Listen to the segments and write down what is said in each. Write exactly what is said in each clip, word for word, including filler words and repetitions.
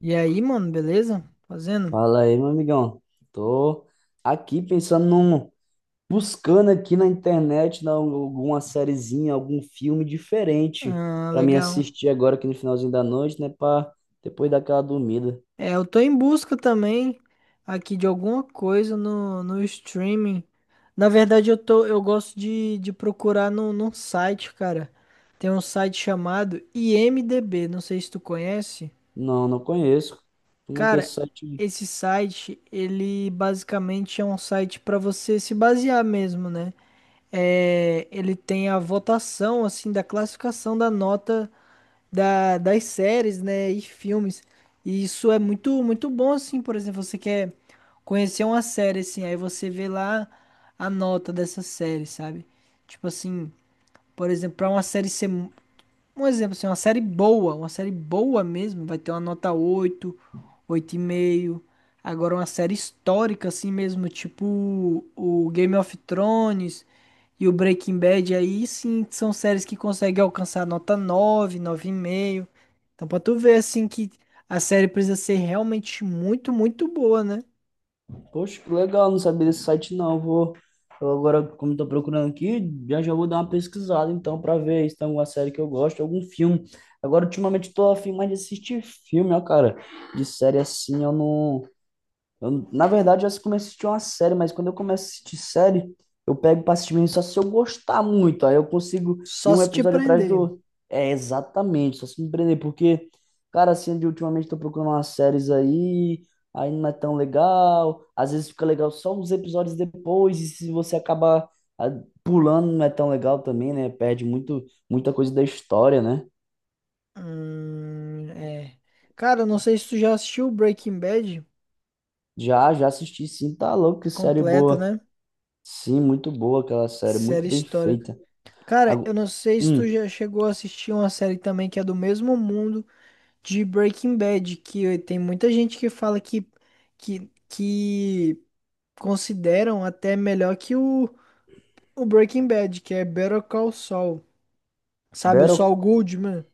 E aí, mano, beleza? Fazendo? Fala aí, meu amigão. Tô aqui pensando num, buscando aqui na internet na- alguma sériezinha, algum filme diferente Ah, pra mim legal. assistir agora aqui no finalzinho da noite, né, pra depois daquela dormida. É, eu tô em busca também aqui de alguma coisa no, no streaming. Na verdade, eu tô, eu gosto de, de procurar no, num site, cara. Tem um site chamado I M D B, não sei se tu conhece. Não, não conheço. Como é que é Cara, esse site? esse site, ele basicamente é um site pra você se basear mesmo, né? É, ele tem a votação, assim, da classificação da nota da, das séries, né, e filmes. E isso é muito, muito bom, assim, por exemplo, você quer conhecer uma série, assim, aí você vê lá a nota dessa série, sabe? Tipo assim, por exemplo, para uma série ser, mu- um exemplo, assim, uma série boa, uma série boa mesmo, vai ter uma nota oito, oito e meio. Agora, uma série histórica, assim mesmo, tipo o Game of Thrones, e o Breaking Bad, aí sim, são séries que conseguem alcançar nota nove, nove e meio. Então pra tu ver assim que a série precisa ser realmente muito, muito boa, né? Poxa, que legal, não sabia desse site não. Vou eu agora, como tô procurando aqui, já já vou dar uma pesquisada então pra ver se tem alguma série que eu gosto, algum filme. Agora ultimamente tô afim mais de assistir filme, ó, cara. De série assim, eu não. Eu, na verdade, eu comecei a assistir uma série, mas quando eu começo a assistir série, eu pego pra assistir mesmo só se eu gostar muito. Aí eu consigo ir Só um se te episódio atrás do prender. outro. É, exatamente, só se me prender, porque, cara, assim, de ultimamente tô procurando umas séries aí, aí não é tão legal. Às vezes fica legal só uns episódios depois, e se você acabar, ah, pulando, não é tão legal também, né? Perde muito, muita coisa da história, né? Hum, é. Cara, eu não sei se tu já assistiu Breaking Bad Já, já assisti, sim, tá louco, que série completa, boa. né? Sim, muito boa aquela Que série, muito série bem histórica. feita. Cara, eu Agu- não sei se tu Hum, já chegou a assistir uma série também que é do mesmo mundo de Breaking Bad, que tem muita gente que fala que, que, que consideram até melhor que o, o Breaking Bad, que é Better Call Saul. Sabe, o Battle? Saul Goodman,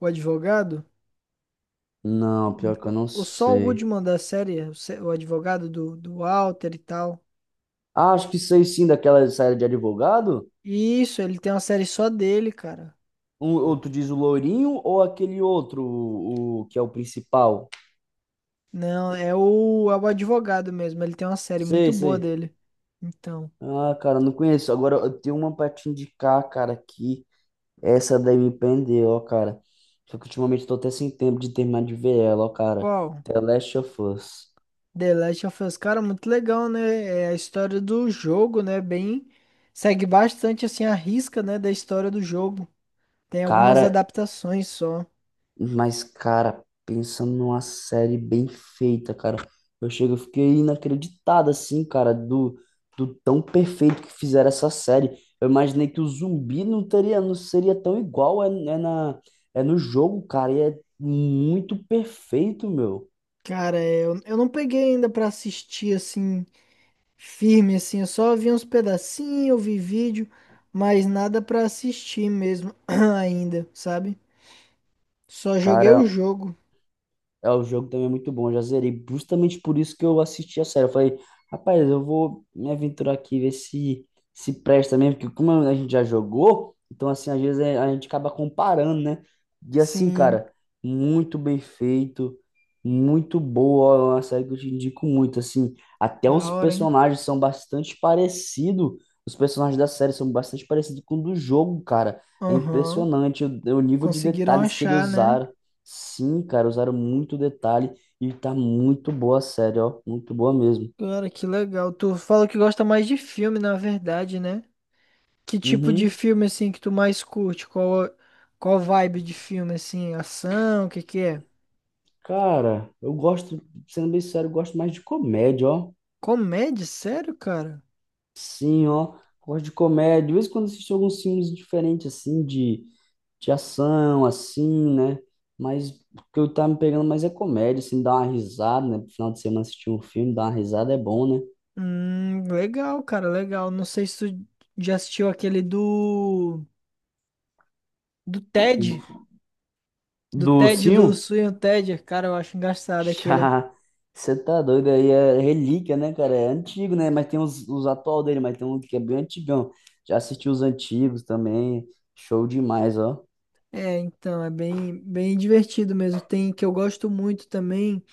o advogado? Não, pior que eu O, não o Saul sei. Goodman da série, o, se- o advogado do, do Walter e tal. Ah, acho que sei sim daquela série de advogado. Isso, ele tem uma série só dele, cara. Um, ou tu diz o loirinho ou aquele outro, o, o que é o principal? Não, é o, é o advogado mesmo. Ele tem uma série Sei, muito boa sei. dele. Então, Ah, cara, não conheço. Agora eu tenho uma pra te indicar, cara, que essa daí me prendeu, ó, cara. Só que ultimamente eu tô até sem tempo de terminar de ver ela, ó, cara. qual? The Last of Us. The Last of Us, cara, muito legal, né? É a história do jogo, né? Bem, segue bastante assim a risca, né, da história do jogo. Tem algumas Cara, adaptações só. mas, cara, pensando numa série bem feita, cara, eu chego, eu fiquei inacreditado, assim, cara, do, do tão perfeito que fizeram essa série. Eu imaginei que o zumbi não teria, não seria tão igual é, é na, é no jogo, cara, e é muito perfeito, meu. Cara, é, eu, eu não peguei ainda pra assistir assim, firme assim. Eu só vi uns pedacinhos, eu vi vídeo, mas nada pra assistir mesmo ainda, sabe? Só joguei o Cara, jogo. é, o jogo também é muito bom, eu já zerei. Justamente por isso que eu assisti a série. Eu falei, rapaz, eu vou me aventurar aqui, ver se se presta mesmo, porque como a gente já jogou, então assim, às vezes é- a gente acaba comparando, né? E assim, Sim, cara, muito bem feito, muito boa, é uma série que eu te indico muito, assim, até da os hora, hein? personagens são bastante parecidos, os personagens da série são bastante parecidos com o do jogo, cara. É Aham. impressionante o, o nível de Conseguiram detalhes que ele achar, né? usaram. Sim, cara, usaram muito detalhe e tá muito boa a série, ó. Muito boa mesmo. Cara, que legal. Tu fala que gosta mais de filme, na verdade, né? Que tipo de Uhum. filme assim que tu mais curte? Qual qual vibe de filme assim? Ação, o que que é? Cara, eu gosto, sendo bem sério, eu gosto mais de comédia, ó. Comédia? Sério, cara? Sim, ó. Gosto de comédia. De vez em quando assisto alguns filmes diferentes, assim, de, de ação, assim, né? Mas o que eu tava me pegando mais é comédia, assim, dar uma risada, né? No final de semana assistir um filme, dar uma risada é bom, né? Hum, legal, cara, legal. Não sei se tu já assistiu aquele do do Ted, do Do Ted do Sil? Sweeney Ted. Cara, eu acho engraçado aquele. Já, você tá doido aí, é relíquia, né, cara? É antigo, né? Mas tem os, os atual dele, mas tem um que é bem antigão. Já assisti os antigos também, show demais, ó. É, então, é bem bem divertido mesmo. Tem que eu gosto muito também,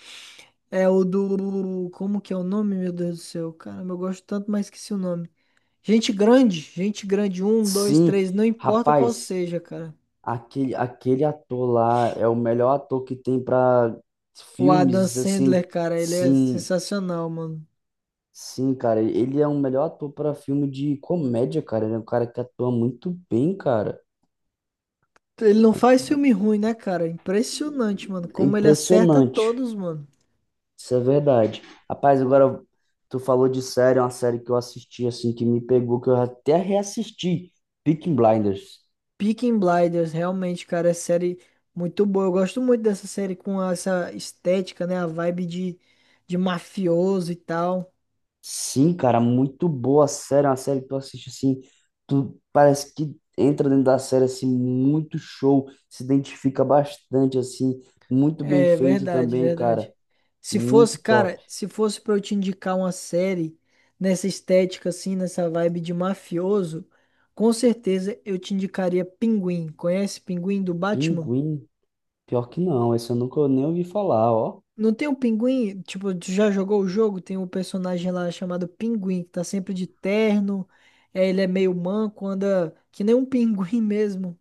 é o do como que é o nome, meu Deus do céu. Caramba, eu gosto tanto, mas esqueci o nome. Gente grande, gente grande, um, dois, Sim, três, não importa qual rapaz, seja, cara. aquele, aquele ator lá é o melhor ator que tem pra O Adam filmes, assim. Sandler, cara, ele é Sim, sensacional, mano. sim, cara, ele é o melhor ator pra filme de comédia, cara. Ele é um cara que atua muito bem, cara. Ele não faz filme ruim, né, cara? Impressionante, mano. É Como ele acerta impressionante. todos, mano. Isso é verdade. Rapaz, agora tu falou de série, é uma série que eu assisti assim que me pegou, que eu até reassisti, Peaky Blinders. Peaky Blinders, realmente, cara, é série muito boa. Eu gosto muito dessa série com essa estética, né? A vibe de, de mafioso e tal. Sim, cara, muito boa a série, é uma série que tu assiste assim, tu parece que entra dentro da série assim muito show, se identifica bastante assim, muito bem É feito verdade, também, verdade. cara, Se fosse, muito cara, top. se fosse pra eu te indicar uma série nessa estética, assim, nessa vibe de mafioso, com certeza eu te indicaria Pinguim. Conhece Pinguim do Batman? Pinguim, pior que não, esse eu nunca nem ouvi falar, ó. Não tem o pinguim? Tipo, tu já jogou o jogo? Tem um personagem lá chamado Pinguim, que tá sempre de terno. É, ele é meio manco, anda que nem um pinguim mesmo.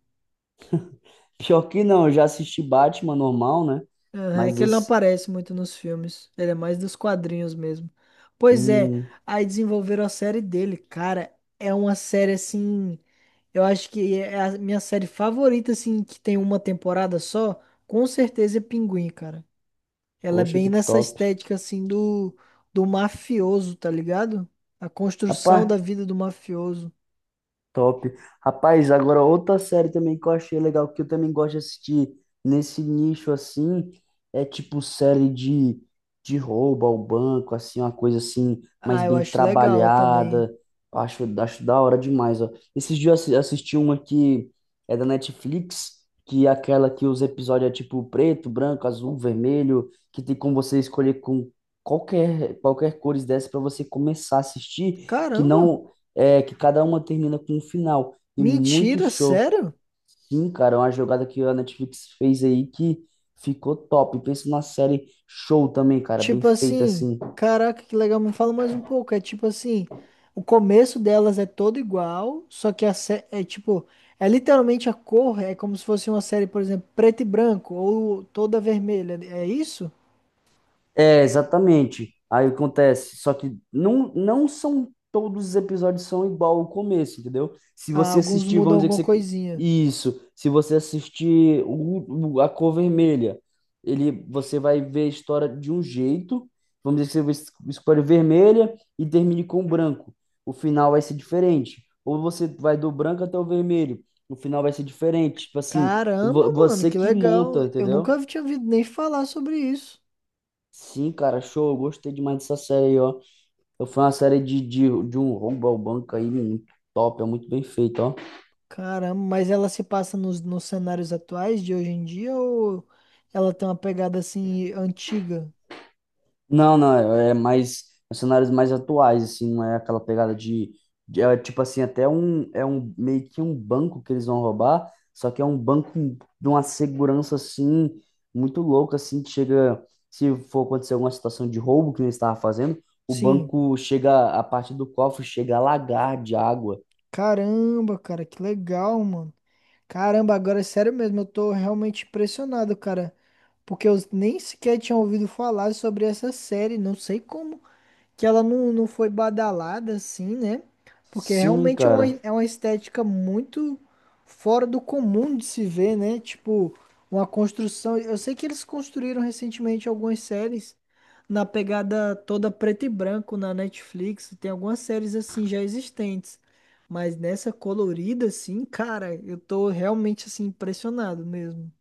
Pior que não, eu já assisti Batman normal, né? Aham, é Mas que ele não esse aparece muito nos filmes. Ele é mais dos quadrinhos mesmo. Pois é, hum, aí desenvolveram a série dele. Cara, é uma série assim. Eu acho que é a minha série favorita, assim, que tem uma temporada só. Com certeza é Pinguim, cara. Ela é poxa, bem que nessa top. estética assim do, do mafioso, tá ligado? A construção Rapaz, da vida do mafioso. top. Rapaz, agora outra série também que eu achei legal, que eu também gosto de assistir nesse nicho assim, é tipo série de, de roubo ao banco, assim, uma coisa assim, mais Ah, eu bem acho legal também. trabalhada. Eu acho, acho da hora demais, ó. Esses dias eu assi- assisti uma que é da Netflix, que é aquela que os episódios é tipo preto, branco, azul, vermelho, que tem como você escolher com qualquer, qualquer cores dessas pra você começar a assistir que Caramba! não. É, que cada uma termina com um final. E muito Mentira, show. sério? Sim, cara, é uma jogada que a Netflix fez aí que ficou top. Pensa numa série show também, cara, bem Tipo feita assim, assim. caraca, que legal, me fala mais um pouco. É tipo assim, o começo delas é todo igual, só que a sé- é tipo, é literalmente a cor, é como se fosse uma série, por exemplo, preto e branco, ou toda vermelha. É isso? É, exatamente. Aí acontece, só que não, não são todos os episódios são igual ao começo, entendeu? Se Ah, você alguns assistir, mudam vamos dizer que alguma você... coisinha. Isso, se você assistir o, o- a cor vermelha, ele, você vai ver a história de um jeito, vamos dizer que você vê a história vermelha e termine com o branco. O final vai ser diferente. Ou você vai do branco até o vermelho, o final vai ser diferente. Tipo assim, Caramba, vo- mano, você que que monta, legal. Eu entendeu? nunca tinha ouvido nem falar sobre isso. Sim, cara, show. Eu gostei demais dessa série aí, ó, eu fui uma série de, de, de um roubo ao banco aí muito top, é muito bem feito, ó. Caramba, mas ela se passa nos, nos cenários atuais de hoje em dia ou ela tem uma pegada assim antiga? Não, não, é é mais é cenários mais atuais, assim, não é aquela pegada de, de- é, tipo assim, até um é um meio que um banco que eles vão roubar, só que é um banco de uma segurança assim muito louca, assim, que chega se for acontecer alguma situação de roubo que eles estavam fazendo, o Sim. banco chega, a parte do cofre chega a lagar de água. Caramba, cara, que legal, mano. Caramba, agora é sério mesmo, eu tô realmente impressionado, cara, porque eu nem sequer tinha ouvido falar sobre essa série, não sei como que ela não, não foi badalada assim, né? Porque Sim, realmente é uma, cara. é uma estética muito fora do comum de se ver, né? Tipo, uma construção. Eu sei que eles construíram recentemente algumas séries na pegada toda preto e branco na Netflix. Tem algumas séries assim já existentes. Mas nessa colorida, assim, cara, eu tô realmente assim impressionado mesmo.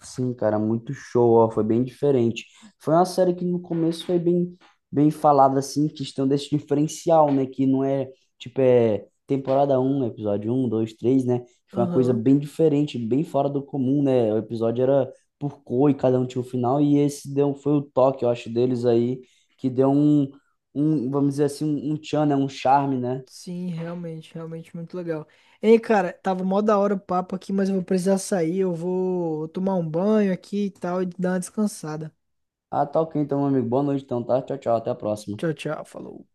Sim, cara, muito show, ó, foi bem diferente. Foi uma série que no começo foi bem, bem falada, assim, questão desse diferencial, né? Que não é, tipo, é temporada um episódio um dois três né? Foi uma coisa Aham. bem diferente, bem fora do comum, né? O episódio era por cor e cada um tinha um final, e esse deu, foi o toque, eu acho, deles aí, que deu um, um vamos dizer assim, um, um tchan, né? Um charme, né? Sim, realmente, realmente muito legal. Ei, cara, tava mó da hora o papo aqui, mas eu vou precisar sair. Eu vou tomar um banho aqui e tal e dar uma descansada. Ah, tá ok, então, meu amigo. Boa noite, então, tá? Tchau, tchau, até a próxima. Tchau, tchau, falou.